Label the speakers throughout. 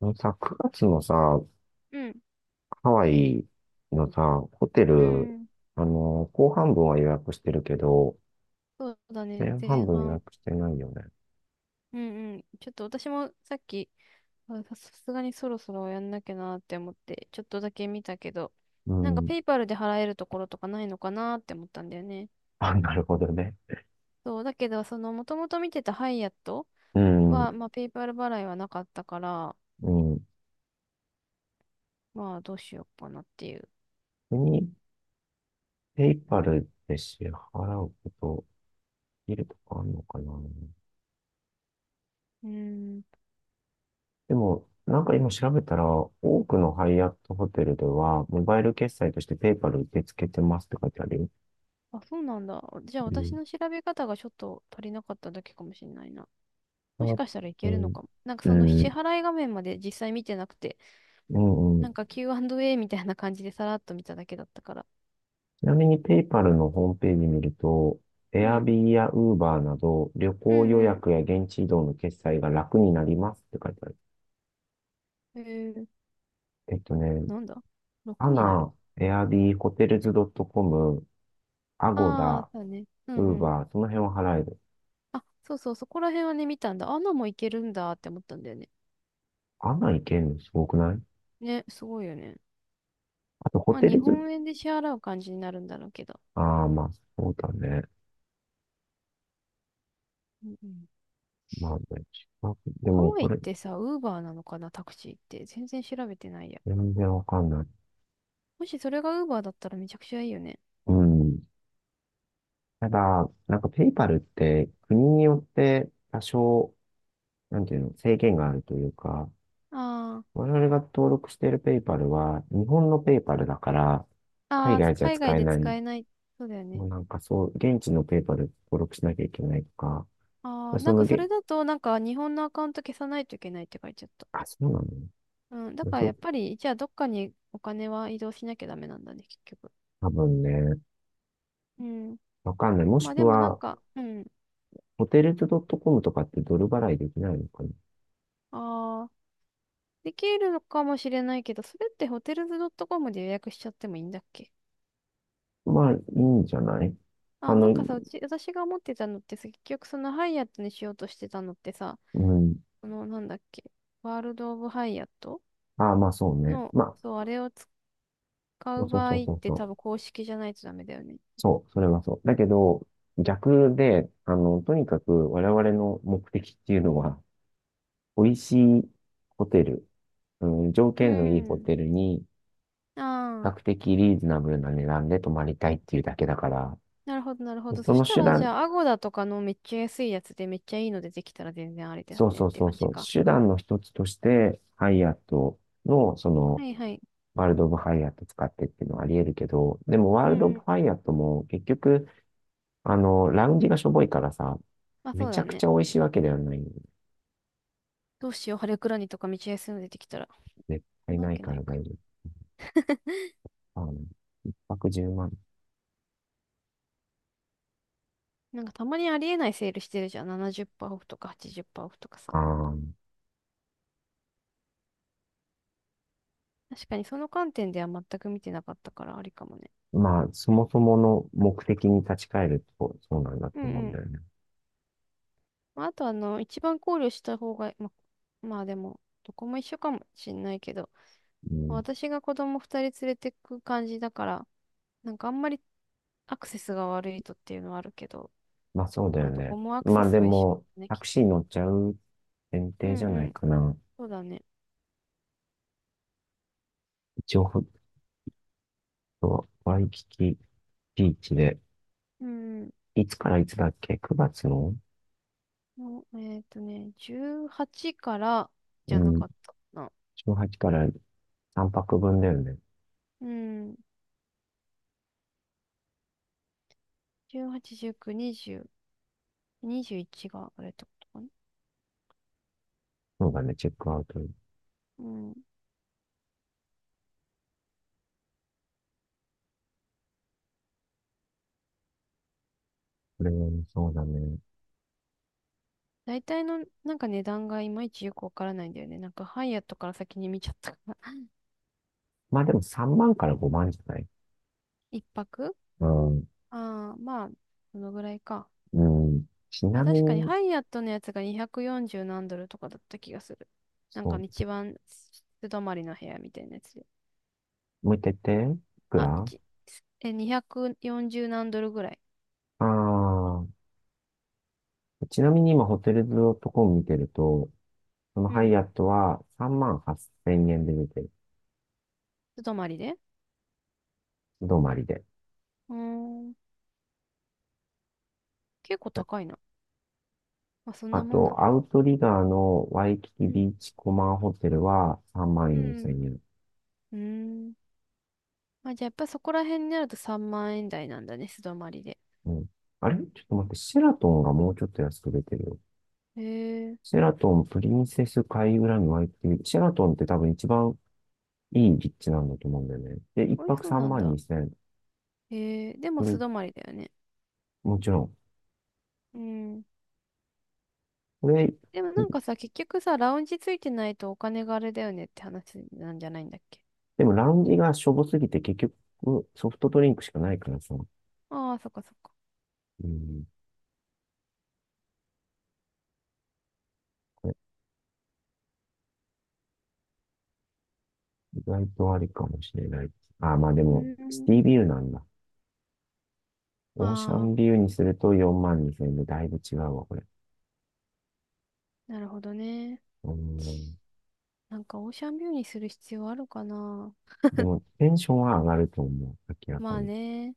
Speaker 1: あのさ、9月のさ、
Speaker 2: うん、
Speaker 1: ハワイのさ、ホテ
Speaker 2: う
Speaker 1: ル、
Speaker 2: ん、
Speaker 1: 後半分は予約してるけど、
Speaker 2: そうだね、
Speaker 1: 前半
Speaker 2: 前
Speaker 1: 分予
Speaker 2: 半。
Speaker 1: 約してないよね。
Speaker 2: うんうん。ちょっと私もさっき、さすがにそろそろやんなきゃなって思って、ちょっとだけ見たけど、
Speaker 1: う
Speaker 2: なんか
Speaker 1: ん。
Speaker 2: ペイパルで払えるところとかないのかなって思ったんだよね。
Speaker 1: あ、なるほどね。
Speaker 2: そう、だけど、その、もともと見てたハイアット
Speaker 1: うん、
Speaker 2: は、まあ、ペイパル払いはなかったから、
Speaker 1: うん。
Speaker 2: まあ、どうしようかなっていう。
Speaker 1: 国、ペイパルで支払うこと、いるとかあるのかな。
Speaker 2: うーん。
Speaker 1: でも、なんか今調べたら、多くのハイアットホテルでは、モバイル決済としてペイパル受け付けてますって書いてあるよ。
Speaker 2: あ、そうなんだ。じゃあ、
Speaker 1: う
Speaker 2: 私
Speaker 1: ん。
Speaker 2: の調べ方がちょっと足りなかっただけかもしれないな。もし
Speaker 1: あ、
Speaker 2: かしたらい
Speaker 1: う
Speaker 2: けるの
Speaker 1: ん。
Speaker 2: かも。なんか
Speaker 1: う
Speaker 2: その支
Speaker 1: ん。
Speaker 2: 払い画面まで実際見てなくて、
Speaker 1: うんうん。
Speaker 2: なんか Q&A みたいな感じでさらっと見ただけだったから。
Speaker 1: ちなみにペイパルのホームページ見ると、
Speaker 2: うん。
Speaker 1: Airbnb や Uber など旅
Speaker 2: う
Speaker 1: 行予
Speaker 2: んうん。
Speaker 1: 約や現地移動の決済が楽になりますって書いてある。
Speaker 2: えー、
Speaker 1: えっとね、
Speaker 2: なんだ
Speaker 1: ア
Speaker 2: ?6 になる。
Speaker 1: ナ、Airb、Hotels.com、
Speaker 2: ああ、
Speaker 1: Agoda、
Speaker 2: そうだね。うんうん。
Speaker 1: Uber、その辺は払える。
Speaker 2: あ、そうそう、そこら辺はね、見たんだ。アナもいけるんだって思ったんだよね。
Speaker 1: アナ行けるのすごくない？
Speaker 2: ね、すごいよね。
Speaker 1: あと、ホ
Speaker 2: まあ、
Speaker 1: テ
Speaker 2: 日
Speaker 1: ルズ、
Speaker 2: 本円で支払う感じになるんだろうけど。
Speaker 1: ああ、まあ、そうだね。
Speaker 2: うんうん。
Speaker 1: まあね、近くで
Speaker 2: ハ
Speaker 1: も
Speaker 2: ワイ
Speaker 1: こ
Speaker 2: っ
Speaker 1: れ、
Speaker 2: てさ、ウーバーなのかな、タクシーって。全然調べてないや。
Speaker 1: 全然わかんない。
Speaker 2: もしそれがウーバーだったらめちゃくちゃいいよね。
Speaker 1: うん。ただ、なんかペイパルって国によって多少なんていうの、制限があるというか、
Speaker 2: あ
Speaker 1: 我々が登録しているペイパルは、日本のペイパルだから、
Speaker 2: あ、
Speaker 1: 海
Speaker 2: ああ、
Speaker 1: 外じゃ
Speaker 2: 海外
Speaker 1: 使え
Speaker 2: で
Speaker 1: ない。
Speaker 2: 使えない。そうだよね。
Speaker 1: もうなんかそう、現地のペイパル登録しなきゃいけないとか、
Speaker 2: ああ、
Speaker 1: そ
Speaker 2: なんか
Speaker 1: の
Speaker 2: そ
Speaker 1: げ、
Speaker 2: れだと、なんか日本のアカウント消さないといけないって書いちゃった。
Speaker 1: あ、そうな
Speaker 2: うん、だ
Speaker 1: の
Speaker 2: からやっぱり、じゃあどっかにお金は移動しなきゃダメなんだね、結局。
Speaker 1: 多分ね、
Speaker 2: うん。
Speaker 1: わかんない。もし
Speaker 2: まあ
Speaker 1: く
Speaker 2: でもなん
Speaker 1: は、
Speaker 2: か、うん。
Speaker 1: ホテルズドットコムとかってドル払いできないのかな？
Speaker 2: ああ、できるのかもしれないけど、それってホテルズ .com で予約しちゃってもいいんだっけ？
Speaker 1: まあ、いいんじゃない？あ
Speaker 2: あ、
Speaker 1: の、
Speaker 2: なんかさ、うち、私が思ってたのってさ、結局そのハイアットにしようとしてたのってさ、
Speaker 1: うん。
Speaker 2: このなんだっけ、ワールド・オブ・ハイアット
Speaker 1: ああ、まあそうね。
Speaker 2: の、
Speaker 1: まあ、
Speaker 2: そう、あれを使
Speaker 1: そ
Speaker 2: う
Speaker 1: うそう
Speaker 2: 場
Speaker 1: そう
Speaker 2: 合っ
Speaker 1: そう
Speaker 2: て
Speaker 1: そ
Speaker 2: 多分
Speaker 1: う。
Speaker 2: 公式じゃないとダメだよね。
Speaker 1: そう、それはそう。だけど、逆で、とにかく我々の目的っていうのは、美味しいホテル、うん、条
Speaker 2: う
Speaker 1: 件のいいホ
Speaker 2: ん。
Speaker 1: テルに、比
Speaker 2: あ
Speaker 1: 較
Speaker 2: あ。
Speaker 1: 的リーズナブルな値段で泊まりたいっていうだけだから、
Speaker 2: なるほど、なるほど。そ
Speaker 1: そ
Speaker 2: し
Speaker 1: の
Speaker 2: た
Speaker 1: 手
Speaker 2: ら、じ
Speaker 1: 段、
Speaker 2: ゃあ、アゴダとかのめっちゃ安いやつでめっちゃいいの出てきたら全然あれだよ
Speaker 1: そう
Speaker 2: ねっ
Speaker 1: そう
Speaker 2: て
Speaker 1: そ
Speaker 2: 感
Speaker 1: うそ
Speaker 2: じ
Speaker 1: う、
Speaker 2: か。
Speaker 1: 手段の一つとして、ハイアットの、そ
Speaker 2: は
Speaker 1: の、
Speaker 2: いはい。
Speaker 1: ワールド・オブ・ハイアット使ってっていうのはあり得るけど、でもワー
Speaker 2: う
Speaker 1: ルド・オ
Speaker 2: んう
Speaker 1: ブ・
Speaker 2: ん。
Speaker 1: ハイアットも結局、ラウンジがしょぼいからさ、
Speaker 2: まあそ
Speaker 1: め
Speaker 2: う
Speaker 1: ちゃ
Speaker 2: だ
Speaker 1: くち
Speaker 2: ね。
Speaker 1: ゃ美味しいわけではない。
Speaker 2: どうしよう、ハレクラニとかめっちゃ安いの出てきたら。
Speaker 1: 絶
Speaker 2: そん
Speaker 1: 対
Speaker 2: なわ
Speaker 1: ない
Speaker 2: け
Speaker 1: か
Speaker 2: ない
Speaker 1: ら
Speaker 2: か。
Speaker 1: 大丈夫。一泊10万。
Speaker 2: なんかたまにありえないセールしてるじゃん。70%オフとか80%オフとかさ。
Speaker 1: ああ、
Speaker 2: 確かにその観点では全く見てなかったからありかもね。
Speaker 1: まあ、そもそもの目的に立ち返ると、そうなんだ
Speaker 2: うん
Speaker 1: と思う
Speaker 2: う
Speaker 1: んだ
Speaker 2: ん。
Speaker 1: よね。
Speaker 2: まあ、あとあの、一番考慮した方が、ま、まあでも、どこも一緒かもしんないけど、
Speaker 1: う
Speaker 2: まあ
Speaker 1: ん。
Speaker 2: 私が子供二人連れてく感じだから、なんかあんまりアクセスが悪いとっていうのはあるけど、
Speaker 1: まあ、そうだ
Speaker 2: ま
Speaker 1: よ
Speaker 2: あどこ
Speaker 1: ね。
Speaker 2: もアク
Speaker 1: ま
Speaker 2: セ
Speaker 1: あ、
Speaker 2: ス
Speaker 1: で
Speaker 2: は一緒
Speaker 1: も、
Speaker 2: だね、
Speaker 1: タ
Speaker 2: きっ
Speaker 1: クシ
Speaker 2: と。
Speaker 1: ー乗っちゃう前
Speaker 2: う
Speaker 1: 提
Speaker 2: ん
Speaker 1: じゃな
Speaker 2: う
Speaker 1: い
Speaker 2: ん、
Speaker 1: かな。
Speaker 2: そうだね。
Speaker 1: 一応、ほんとワイキキビーチで、
Speaker 2: うんうん、
Speaker 1: いつからいつだっけ ?9 月の。
Speaker 2: もう18からじゃ
Speaker 1: う
Speaker 2: な
Speaker 1: ん。
Speaker 2: かったかな。
Speaker 1: 18から3泊分だよね。
Speaker 2: うん、18、19、20、21があれってことかな。
Speaker 1: そうだね、チェックアウト。
Speaker 2: うん。
Speaker 1: これはねそうだね。
Speaker 2: 大体のなんか値段がいまいちよくわからないんだよね。なんかハイアットから先に見ちゃったから。
Speaker 1: まあでも3万から5万じゃない？
Speaker 2: 一泊。
Speaker 1: うん。
Speaker 2: ああー、まあ、そのぐらいか。
Speaker 1: うん。ち
Speaker 2: まあ
Speaker 1: なみ
Speaker 2: 確かに
Speaker 1: に
Speaker 2: ハイアットのやつが240何ドルとかだった気がする。なん
Speaker 1: そ
Speaker 2: か
Speaker 1: う。
Speaker 2: 一番素泊まりの部屋みたいなやつで。
Speaker 1: もう一回言って。いく
Speaker 2: あ、
Speaker 1: ら？あ
Speaker 2: 1、え、240何ドルぐらい。
Speaker 1: あー、ちなみに今ホテルズドットコム見てると、その
Speaker 2: う
Speaker 1: ハ
Speaker 2: ん。
Speaker 1: イアットは3万8000円で出てる。
Speaker 2: 素泊まりで。
Speaker 1: 泊まりで。
Speaker 2: うーん。結構高いな。まあそん
Speaker 1: あ
Speaker 2: なもんなの
Speaker 1: と、ア
Speaker 2: か。
Speaker 1: ウトリガーのワイキ
Speaker 2: う
Speaker 1: キ
Speaker 2: ん。
Speaker 1: ビーチコマンホテルは3万
Speaker 2: う
Speaker 1: 4000
Speaker 2: ん。
Speaker 1: 円。
Speaker 2: うーん。まあじゃあやっぱそこら辺になると3万円台なんだね、素泊まりで。
Speaker 1: うん。あれちょっと待って、シェラトンがもうちょっと安く出てるよ。
Speaker 2: へえ。
Speaker 1: シェラトン、プリンセス海浦にワイキキビーチ。シェラトンって多分一番いい立地なんだと思うんだよね。で、一
Speaker 2: 美味し
Speaker 1: 泊
Speaker 2: そう
Speaker 1: 3
Speaker 2: なん
Speaker 1: 万
Speaker 2: だ。
Speaker 1: 2000。
Speaker 2: へえ。でも
Speaker 1: これ、
Speaker 2: 素泊まりだよね。
Speaker 1: もちろん。
Speaker 2: うん。
Speaker 1: これ、
Speaker 2: でもなん
Speaker 1: 一
Speaker 2: かさ、結局さ、ラウンジついてないとお金があれだよねって話なんじゃないんだっけ？
Speaker 1: でもラウンジがしょぼすぎて結局ソフトドリンクしかないからさ。
Speaker 2: ああー、そっかそっか。
Speaker 1: うん。これ意外とありかもしれない。あ、まあで
Speaker 2: う
Speaker 1: も、シ
Speaker 2: ー
Speaker 1: テ
Speaker 2: ん。
Speaker 1: ィビューなんだ。オーシャ
Speaker 2: あ
Speaker 1: ンビューにすると4万2000円でだいぶ違うわ、これ。
Speaker 2: あ、なるほどね。
Speaker 1: うん。
Speaker 2: なんかオーシャンビューにする必要あるかな。
Speaker 1: でも、テンションは上がると思う。明らか
Speaker 2: まあ
Speaker 1: に。
Speaker 2: ね。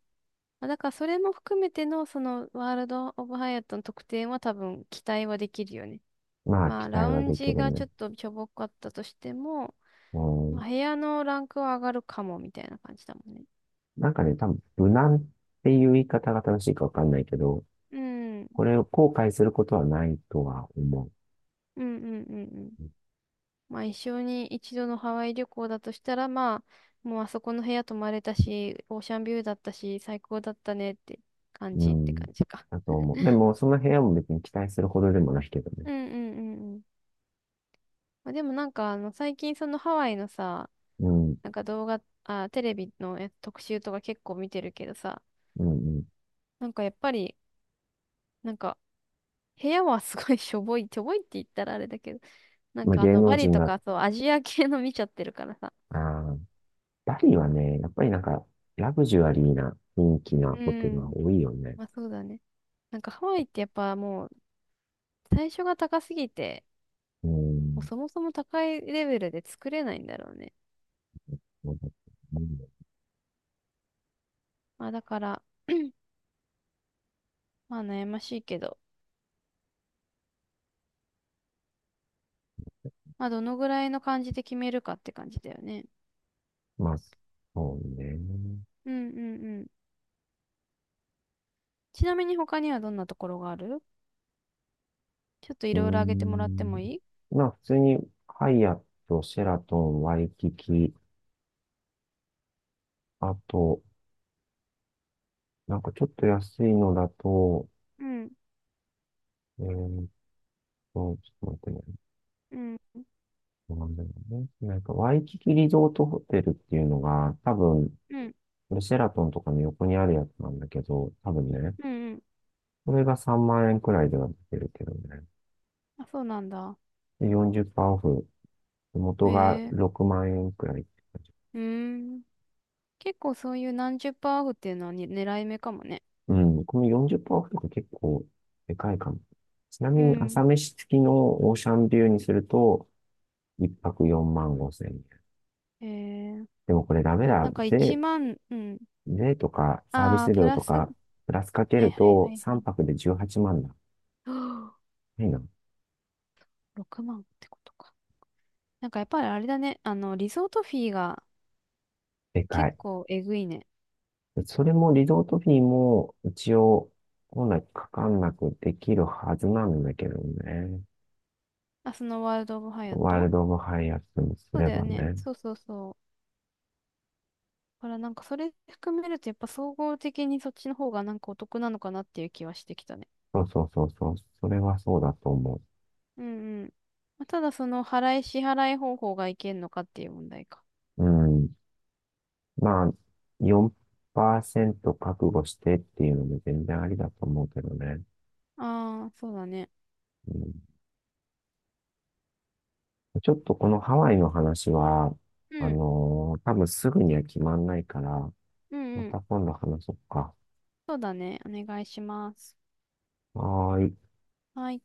Speaker 2: まあだからそれも含めてのそのワールド・オブ・ハイアットの特典は多分期待はできるよね。
Speaker 1: まあ、
Speaker 2: まあ
Speaker 1: 期
Speaker 2: ラ
Speaker 1: 待
Speaker 2: ウ
Speaker 1: は
Speaker 2: ン
Speaker 1: でき
Speaker 2: ジ
Speaker 1: る
Speaker 2: がち
Speaker 1: ね。
Speaker 2: ょっとしょぼかったとしても、
Speaker 1: う
Speaker 2: ま
Speaker 1: ん。
Speaker 2: あ、部屋のランクは上がるかもみたいな感じだもんね。
Speaker 1: なんかね、多分、無難っていう言い方が正しいかわかんないけど、
Speaker 2: うん。うん
Speaker 1: これを後悔することはないとは思う。
Speaker 2: うんうんうん。まあ一生に一度のハワイ旅行だとしたら、まあ、もうあそこの部屋泊まれたし、オーシャンビューだったし、最高だったねって感
Speaker 1: う
Speaker 2: じって感
Speaker 1: ん。
Speaker 2: じか。
Speaker 1: だと思う。でも、その部屋も別に期待するほどでもないけどね。
Speaker 2: うんうんうんうん。まあ、でもなんかあの最近そのハワイのさ、
Speaker 1: うん。
Speaker 2: なんか動画、あ、テレビのや特集とか結構見てるけどさ、
Speaker 1: うん、うん。
Speaker 2: なんかやっぱり、なんか部屋はすごい しょぼい、しょぼいって言ったらあれだけど、なん
Speaker 1: まあ、
Speaker 2: かあ
Speaker 1: 芸
Speaker 2: の
Speaker 1: 能
Speaker 2: バリ
Speaker 1: 人
Speaker 2: と
Speaker 1: が、
Speaker 2: かそうアジア系の見ちゃってるからさ。
Speaker 1: ああ、バリはね、やっぱりなんか、ラグジュアリーな雰囲気な
Speaker 2: う
Speaker 1: ホテルは
Speaker 2: ん。
Speaker 1: 多いよね。
Speaker 2: まあそうだね。なんかハワイってやっぱもう最初が高すぎて、
Speaker 1: う
Speaker 2: もう
Speaker 1: ん。
Speaker 2: そもそも高いレベルで作れないんだろうね。
Speaker 1: そうだと思う。
Speaker 2: まあだから、まあ悩ましいけど、まあどのぐらいの感じで決めるかって感じだよね。
Speaker 1: まあ、そうね。
Speaker 2: うんうんうん。ちなみに他にはどんなところがある？ちょっとい
Speaker 1: うー
Speaker 2: ろいろ挙げてもらって
Speaker 1: ん。
Speaker 2: もいい？
Speaker 1: まあ、普通に、ハイアット、シェラトン、ワイキキ、あと、なんかちょっと安いのだと、
Speaker 2: うん
Speaker 1: えーっちょっと待って。
Speaker 2: うん
Speaker 1: そうなんだよね。なんか、ワイキキリゾートホテルっていうのが、多分、
Speaker 2: うん
Speaker 1: シェラトンとかの横にあるやつなんだけど、多分ね、
Speaker 2: うんうん。
Speaker 1: これが3万円くらいでは出てるけどね。
Speaker 2: あ、そうなんだ。
Speaker 1: で、40%オフ。
Speaker 2: へ
Speaker 1: 元が
Speaker 2: え、
Speaker 1: 6万円くらいって感じ。
Speaker 2: うーん。結構そういう何十パーオフっていうのはに狙い目かもね。
Speaker 1: うん、この40%オフとか結構でかいかも。ちな
Speaker 2: う
Speaker 1: みに
Speaker 2: ん。
Speaker 1: 朝飯付きのオーシャンビューにすると、1泊4万5千円。
Speaker 2: へえ、
Speaker 1: でもこれダメだ。
Speaker 2: なんか1
Speaker 1: 税、
Speaker 2: 万、うん。
Speaker 1: 税とかサービ
Speaker 2: ああ、
Speaker 1: ス
Speaker 2: プ
Speaker 1: 料
Speaker 2: ラ
Speaker 1: と
Speaker 2: ス、は
Speaker 1: か、プラスかけ
Speaker 2: いはい
Speaker 1: る
Speaker 2: はいは
Speaker 1: と
Speaker 2: い。
Speaker 1: 3泊で18万だ。
Speaker 2: はあ
Speaker 1: いいな。
Speaker 2: 6万ってことか。なんかやっぱりあれだね。あの、リゾートフィーが
Speaker 1: でか
Speaker 2: 結
Speaker 1: い。
Speaker 2: 構えぐいね。
Speaker 1: それもリゾートフィーも一応本来かかんなくできるはずなんだけどね。
Speaker 2: あ、そのワールド・オブ・ハヤ
Speaker 1: ワール
Speaker 2: ト？
Speaker 1: ド・オブ・ハイアットにす
Speaker 2: そう
Speaker 1: れ
Speaker 2: だよ
Speaker 1: ば
Speaker 2: ね。
Speaker 1: ね。
Speaker 2: そうそうそう。だからなんかそれ含めるとやっぱ総合的にそっちの方がなんかお得なのかなっていう気はしてきたね。
Speaker 1: そうそうそうそう。それはそうだと思
Speaker 2: うんうん。まあ、ただその払い支払い方法がいけんのかっていう問題か。
Speaker 1: う。うん。まあ、4%覚悟してっていうのも全然ありだと思うけどね。
Speaker 2: ああ、そうだね。
Speaker 1: うん、ちょっとこのハワイの話は、
Speaker 2: うん。
Speaker 1: 多分すぐには決まんないから、
Speaker 2: うん
Speaker 1: ま
Speaker 2: うん。
Speaker 1: た今度話そうか。
Speaker 2: そうだね。お願いします。
Speaker 1: はーい。
Speaker 2: はい。